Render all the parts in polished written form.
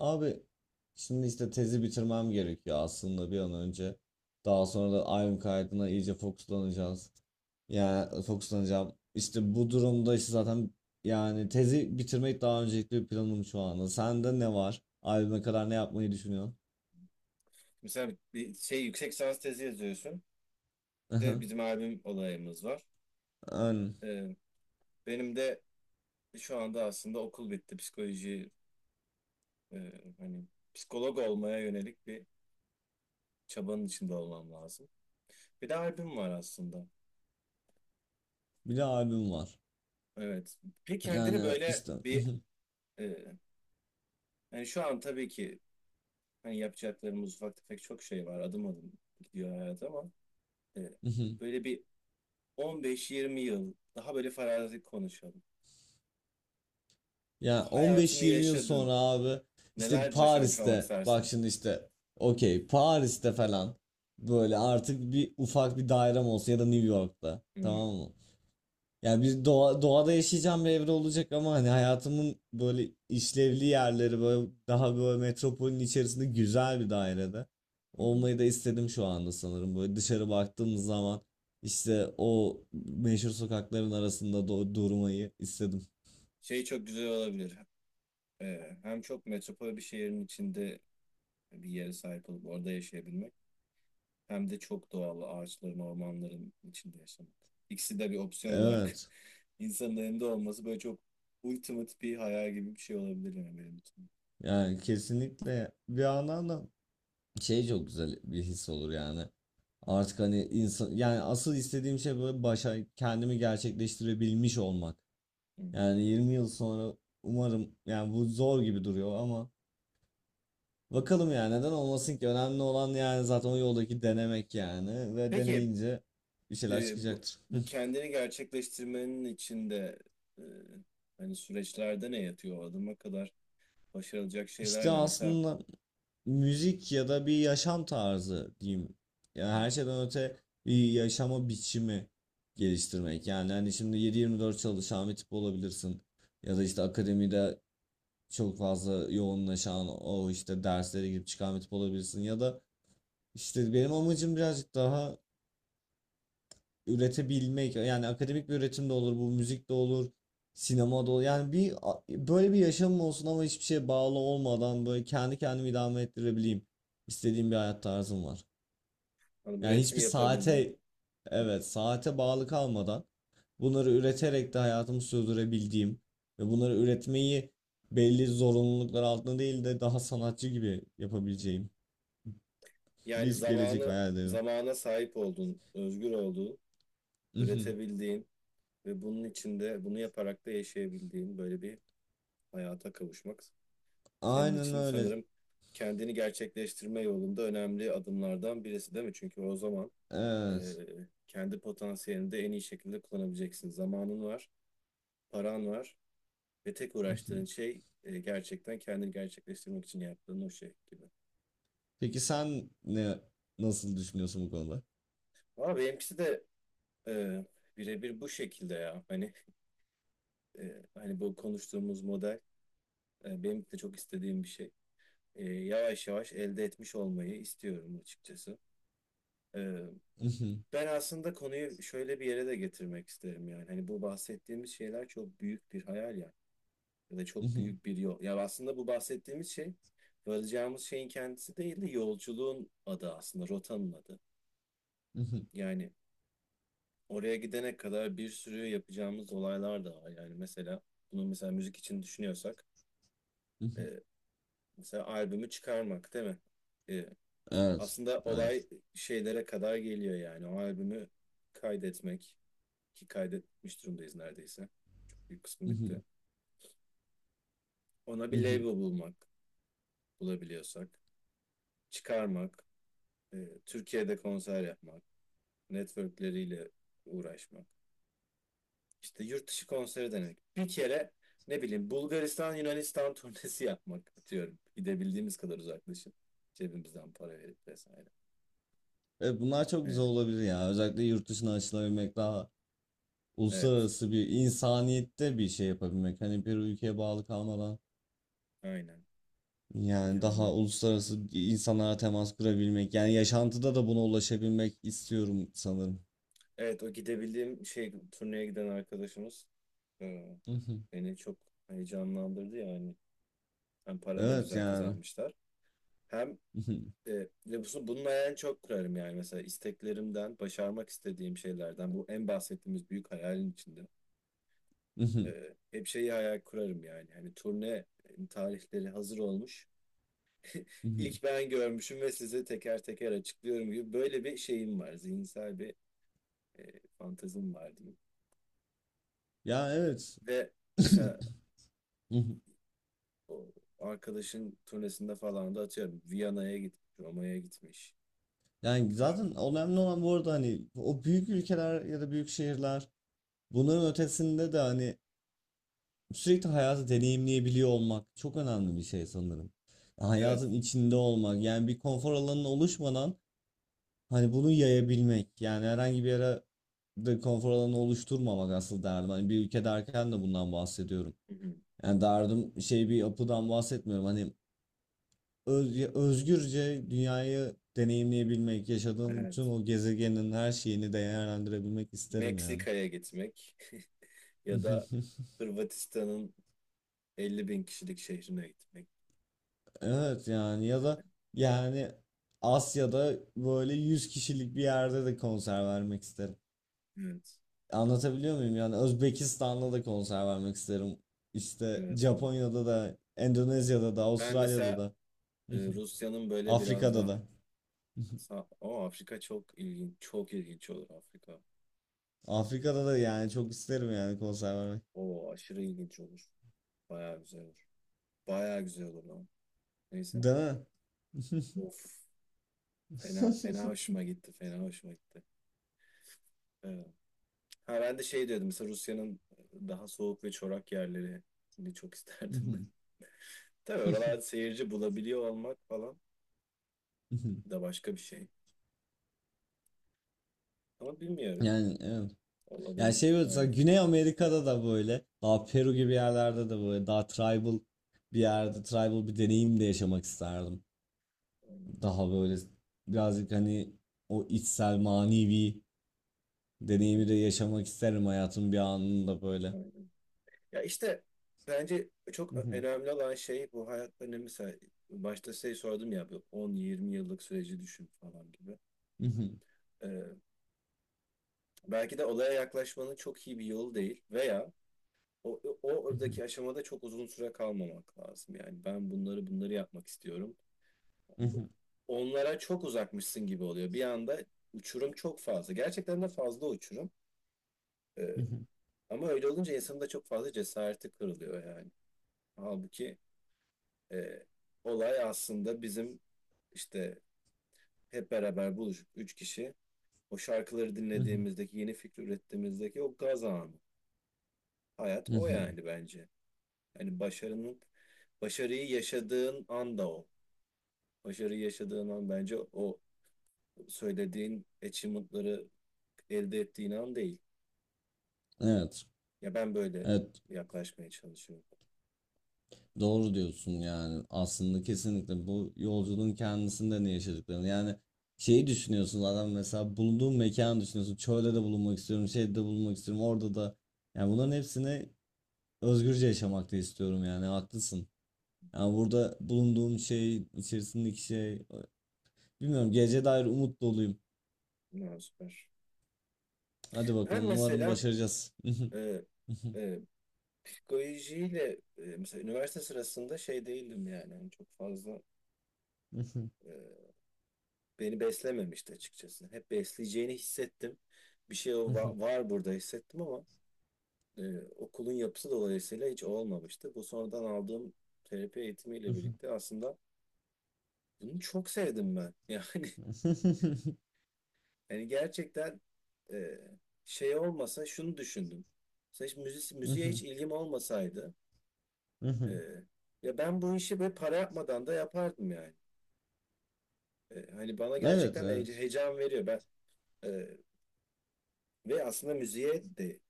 Abi, şimdi işte tezi bitirmem gerekiyor aslında bir an önce. Daha sonra da albüm kaydına iyice fokuslanacağız. Yani fokuslanacağım. İşte bu durumda işte zaten yani tezi bitirmek daha öncelikli bir planım şu anda. Sende ne var? Albüme kadar ne yapmayı düşünüyorsun? Mesela bir şey yüksek lisans tezi yazıyorsun. Bir de bizim albüm olayımız var. Yani Ee, Benim de şu anda aslında okul bitti. Psikoloji e, hani, psikolog olmaya yönelik bir çabanın içinde olmam lazım. Bir de albüm var aslında. bir de albüm var. Evet. Bir kendini Yani böyle işte. bir e, hani şu an tabii ki hani yapacaklarımız ufak tefek çok şey var. Adım adım gidiyor hayat ama e, böyle bir 15-20 yıl daha böyle farazi konuşalım. Yani Hayatını 15-20 yıl yaşadın. sonra abi, işte Neler başarmış olmak Paris'te. Bak istersin? şimdi işte, okey, Paris'te falan böyle artık bir ufak bir dairem olsun ya da New York'ta, Hmm. tamam mı? Yani doğada yaşayacağım bir evre olacak ama hani hayatımın böyle işlevli yerleri böyle daha böyle metropolün içerisinde güzel bir dairede Hı hı. olmayı da istedim şu anda sanırım. Böyle dışarı baktığımız zaman işte o meşhur sokakların arasında durmayı istedim. Şey çok güzel olabilir. Hem çok metropol bir şehrin içinde bir yere sahip olup orada yaşayabilmek hem de çok doğal ağaçların, ormanların içinde yaşamak. İkisi de bir opsiyon olarak Evet. insanın elinde olması böyle çok ultimate bir hayal gibi bir şey olabilir yani benim için. Yani kesinlikle bir yandan da şey, çok güzel bir his olur yani. Artık hani insan, yani asıl istediğim şey böyle başa kendimi gerçekleştirebilmiş olmak. Hı hı. Yani 20 yıl sonra umarım, yani bu zor gibi duruyor ama bakalım, yani neden olmasın ki? Önemli olan yani zaten o yoldaki denemek yani, ve Peki deneyince bir şeyler e, bu, çıkacaktır. bu kendini gerçekleştirmenin içinde e, hani süreçlerde ne yatıyor? O adıma kadar başarılacak İşte şeyler ne? Mesela aslında müzik ya da bir yaşam tarzı diyeyim. Yani hmm, her şeyden öte bir yaşama biçimi geliştirmek. Yani hani şimdi 7-24 çalışan bir tip olabilirsin. Ya da işte akademide çok fazla yoğunlaşan, o işte derslere girip çıkan bir tip olabilirsin. Ya da işte benim amacım birazcık daha üretebilmek. Yani akademik bir üretim de olur, bu müzik de olur. Sinema da olur. Yani bir böyle bir yaşamım olsun ama hiçbir şeye bağlı olmadan böyle kendi kendimi idame ettirebileyim. İstediğim bir hayat tarzım var. hani Yani üretim hiçbir yapabildiğin. saate, Hı. evet saate bağlı kalmadan bunları üreterek de hayatımı sürdürebildiğim ve bunları üretmeyi belli zorunluluklar altında değil de daha sanatçı gibi yapabileceğim Yani bir gelecek zamanı hayal ediyorum. zamana sahip olduğun, özgür olduğun, Mhm. üretebildiğin ve bunun içinde bunu yaparak da yaşayabildiğin böyle bir hayata kavuşmak senin Aynen için öyle. sanırım kendini gerçekleştirme yolunda önemli adımlardan birisi değil mi? Çünkü o zaman e, Evet. kendi potansiyelini de en iyi şekilde kullanabileceksin. Zamanın var, paran var. Ve tek uğraştığın Mhm. şey, gerçekten kendini gerçekleştirmek için yaptığın o şey gibi. Peki sen nasıl düşünüyorsun bu konuda? Ama benimkisi de e, birebir bu şekilde ya. Hani, bu konuştuğumuz model, benim de çok istediğim bir şey. Yavaş yavaş elde etmiş olmayı istiyorum açıkçası. E, Mhm. Ben aslında konuyu şöyle bir yere de getirmek isterim yani. Hani bu bahsettiğimiz şeyler çok büyük bir hayal ya. Ya da çok Mhm. büyük bir yol. Ya aslında bu bahsettiğimiz şey varacağımız şeyin kendisi değil de yolculuğun adı aslında, rotanın adı. Mhm. Yani oraya gidene kadar bir sürü yapacağımız olaylar da var. Yani mesela bunu mesela müzik için düşünüyorsak e, Mhm. mesela albümü çıkarmak değil mi? E, Evet. Aslında olay Evet. şeylere kadar geliyor yani. O albümü kaydetmek, ki kaydetmiş durumdayız neredeyse. Bir kısmı bitti. Mhm. Ona bir label Mhm. bulmak, bulabiliyorsak. Çıkarmak. e, Türkiye'de konser yapmak. Networkleriyle uğraşmak. İşte yurt dışı konseri denemek. Bir kere ne bileyim Bulgaristan Yunanistan turnesi yapmak atıyorum. Gidebildiğimiz kadar uzaklaşıp cebimizden para verip vesaire. Evet, bunlar çok güzel Evet. olabilir ya. Özellikle yurt dışına açılabilmek, daha Evet. uluslararası bir insaniyette bir şey yapabilmek. Hani bir ülkeye bağlı kalmadan Aynen. yani Yani daha uluslararası insanlara temas kurabilmek. Yani yaşantıda da buna ulaşabilmek istiyorum sanırım. evet, o gidebildiğim şey, turneye giden arkadaşımız e, Mhm. beni çok heyecanlandırdı yani. Hem para da Evet güzel yani. kazanmışlar. Hem Mhm. e, ve bunun hayalini çok kurarım yani, mesela isteklerimden, başarmak istediğim şeylerden bu, en bahsettiğimiz büyük hayalin içinde. Mhm. Hep şeyi hayal kurarım yani. Hani turne tarihleri hazır olmuş. Mhm. İlk ben görmüşüm ve size teker teker açıklıyorum gibi böyle bir şeyim var. Zihinsel bir fantazim var diyeyim. Ya evet. Ve mesela Mhm. o arkadaşın turnesinde falan da atıyorum. Viyana'ya gitmiş, Roma'ya gitmiş. Yani Prag. zaten önemli olan bu arada hani o büyük ülkeler ya da büyük şehirler, bunların ötesinde de hani sürekli hayatı deneyimleyebiliyor olmak çok önemli bir şey sanırım. Evet. Hayatın içinde olmak yani, bir konfor alanının oluşmadan hani bunu yayabilmek yani, herhangi bir yere de konfor alanı oluşturmamak asıl derdim. Hani bir ülke derken de bundan bahsediyorum. Hı hı. Yani derdim şey, bir yapıdan bahsetmiyorum. Hani özgürce dünyayı deneyimleyebilmek, yaşadığım bütün Evet. o gezegenin her şeyini değerlendirebilmek isterim yani. Meksika'ya gitmek ya da Hırvatistan'ın 50.000 kişilik şehrine gitmek. Evet yani, ya da yani Asya'da böyle 100 kişilik bir yerde de konser vermek isterim. Evet. Anlatabiliyor muyum? Yani Özbekistan'da da konser vermek isterim. İşte Evet, evet. Japonya'da da, Endonezya'da da, Ben Avustralya'da mesela da, Rusya'nın böyle biraz Afrika'da daha da. sağ... Ama Afrika çok ilginç. Çok ilginç olur Afrika. Afrika'da da yani, çok isterim yani konser vermek. O aşırı ilginç olur. Bayağı güzel olur. Bayağı güzel olur lan. Neyse. Değil mi? Of. Fena, fena hoşuma gitti. Fena hoşuma gitti. Ee, ha ben de şey diyordum. Mesela Rusya'nın daha soğuk ve çorak yerlerini çok isterdim ben. Tabii oralarda seyirci bulabiliyor olmak falan da başka bir şey. Ama bilmiyorum. Yani evet. Yani Olabilir şey böyle, mesela yani. Güney Amerika'da da böyle daha Peru gibi yerlerde de böyle daha tribal bir yerde, tribal bir deneyim de yaşamak isterdim. Daha böyle birazcık hani o içsel manevi deneyimi de yaşamak isterim hayatın bir anında böyle. Ya işte bence çok önemli olan şey bu hayat önemi. Mesela başta şey sordum ya, bu 10-20 yıllık süreci düşün falan gibi. Ee, Belki de olaya yaklaşmanın çok iyi bir yolu değil, veya o oradaki aşamada çok uzun süre kalmamak lazım. Yani ben bunları yapmak istiyorum. Onlara çok uzakmışsın gibi oluyor. Bir anda uçurum çok fazla. Gerçekten de fazla uçurum. Ee, Ama öyle olunca insanın da çok fazla cesareti kırılıyor yani. Halbuki E, olay aslında bizim işte hep beraber buluşup 3 kişi o şarkıları dinlediğimizdeki, yeni fikir ürettiğimizdeki o gaz anı. Hayat o yani bence. Yani başarının, başarıyı yaşadığın an da o. Başarıyı yaşadığın an bence o söylediğin achievement'ları elde ettiğin an değil. Evet. Ya ben böyle Evet. yaklaşmaya çalışıyorum. Doğru diyorsun. Yani aslında kesinlikle bu yolculuğun kendisinde ne yaşadıklarını, yani şeyi düşünüyorsun adam, mesela bulunduğun mekanı düşünüyorsun, çölde de bulunmak istiyorum, şeyde de bulunmak istiyorum, orada da, yani bunların hepsini özgürce yaşamak da istiyorum yani. Haklısın. Yani burada bulunduğum şey içerisindeki şey, bilmiyorum, geleceğe dair umut doluyum. Ne süper. Hadi Ben bakalım, umarım mesela başaracağız. e, e, psikolojiyle, mesela üniversite sırasında şey değildim yani. Hani çok fazla Ee, beni beslememişti açıkçası. Hep besleyeceğini hissettim. Bir şey o var burada hissettim ama e, okulun yapısı dolayısıyla hiç olmamıştı. Bu sonradan aldığım terapi eğitimiyle birlikte aslında bunu çok sevdim ben. Yani yani gerçekten e, şey olmasa şunu düşündüm. Mesela hiç müziğe hiç ilgim olmasaydı e, ya ben bu işi böyle para yapmadan da yapardım yani. Hani bana Evet, gerçekten evet, heyecan veriyor. Ben e, ve aslında müziğe de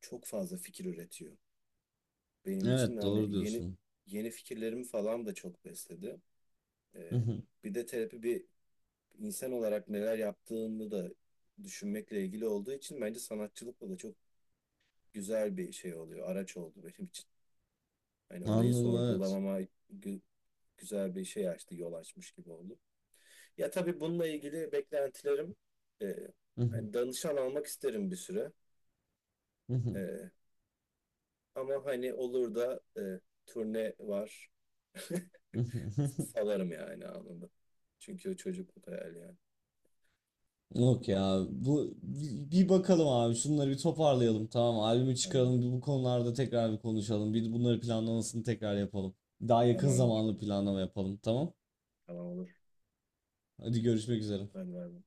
çok fazla fikir üretiyor. Benim için evet, hani doğru yeni diyorsun. yeni fikirlerimi falan da çok besledi. Ee, Hı hı. Bir de terapi, bir insan olarak neler yaptığını da düşünmekle ilgili olduğu için bence sanatçılıkla da çok güzel bir şey oluyor. Araç oldu benim için. Hani orayı Anladım, evet. sorgulamama gü- güzel bir şey açtı, yol açmış gibi oldu. Ya tabii bununla ilgili beklentilerim e, Hı hı. hani danışan almak isterim bir süre. Hı hı. E, Ama hani olur da, turne var. Hı hı. Salarım yani anında. Çünkü o çocukluk hayali yani. Yok ya, bu bir bakalım abi, şunları bir toparlayalım, tamam, albümü Tamam. çıkaralım bir, bu konularda tekrar bir konuşalım, bir bunları planlamasını tekrar yapalım. Daha yakın Tamamdır. zamanlı planlama yapalım, tamam. Tamam olur. Hadi görüşmek üzere. Ben vermem.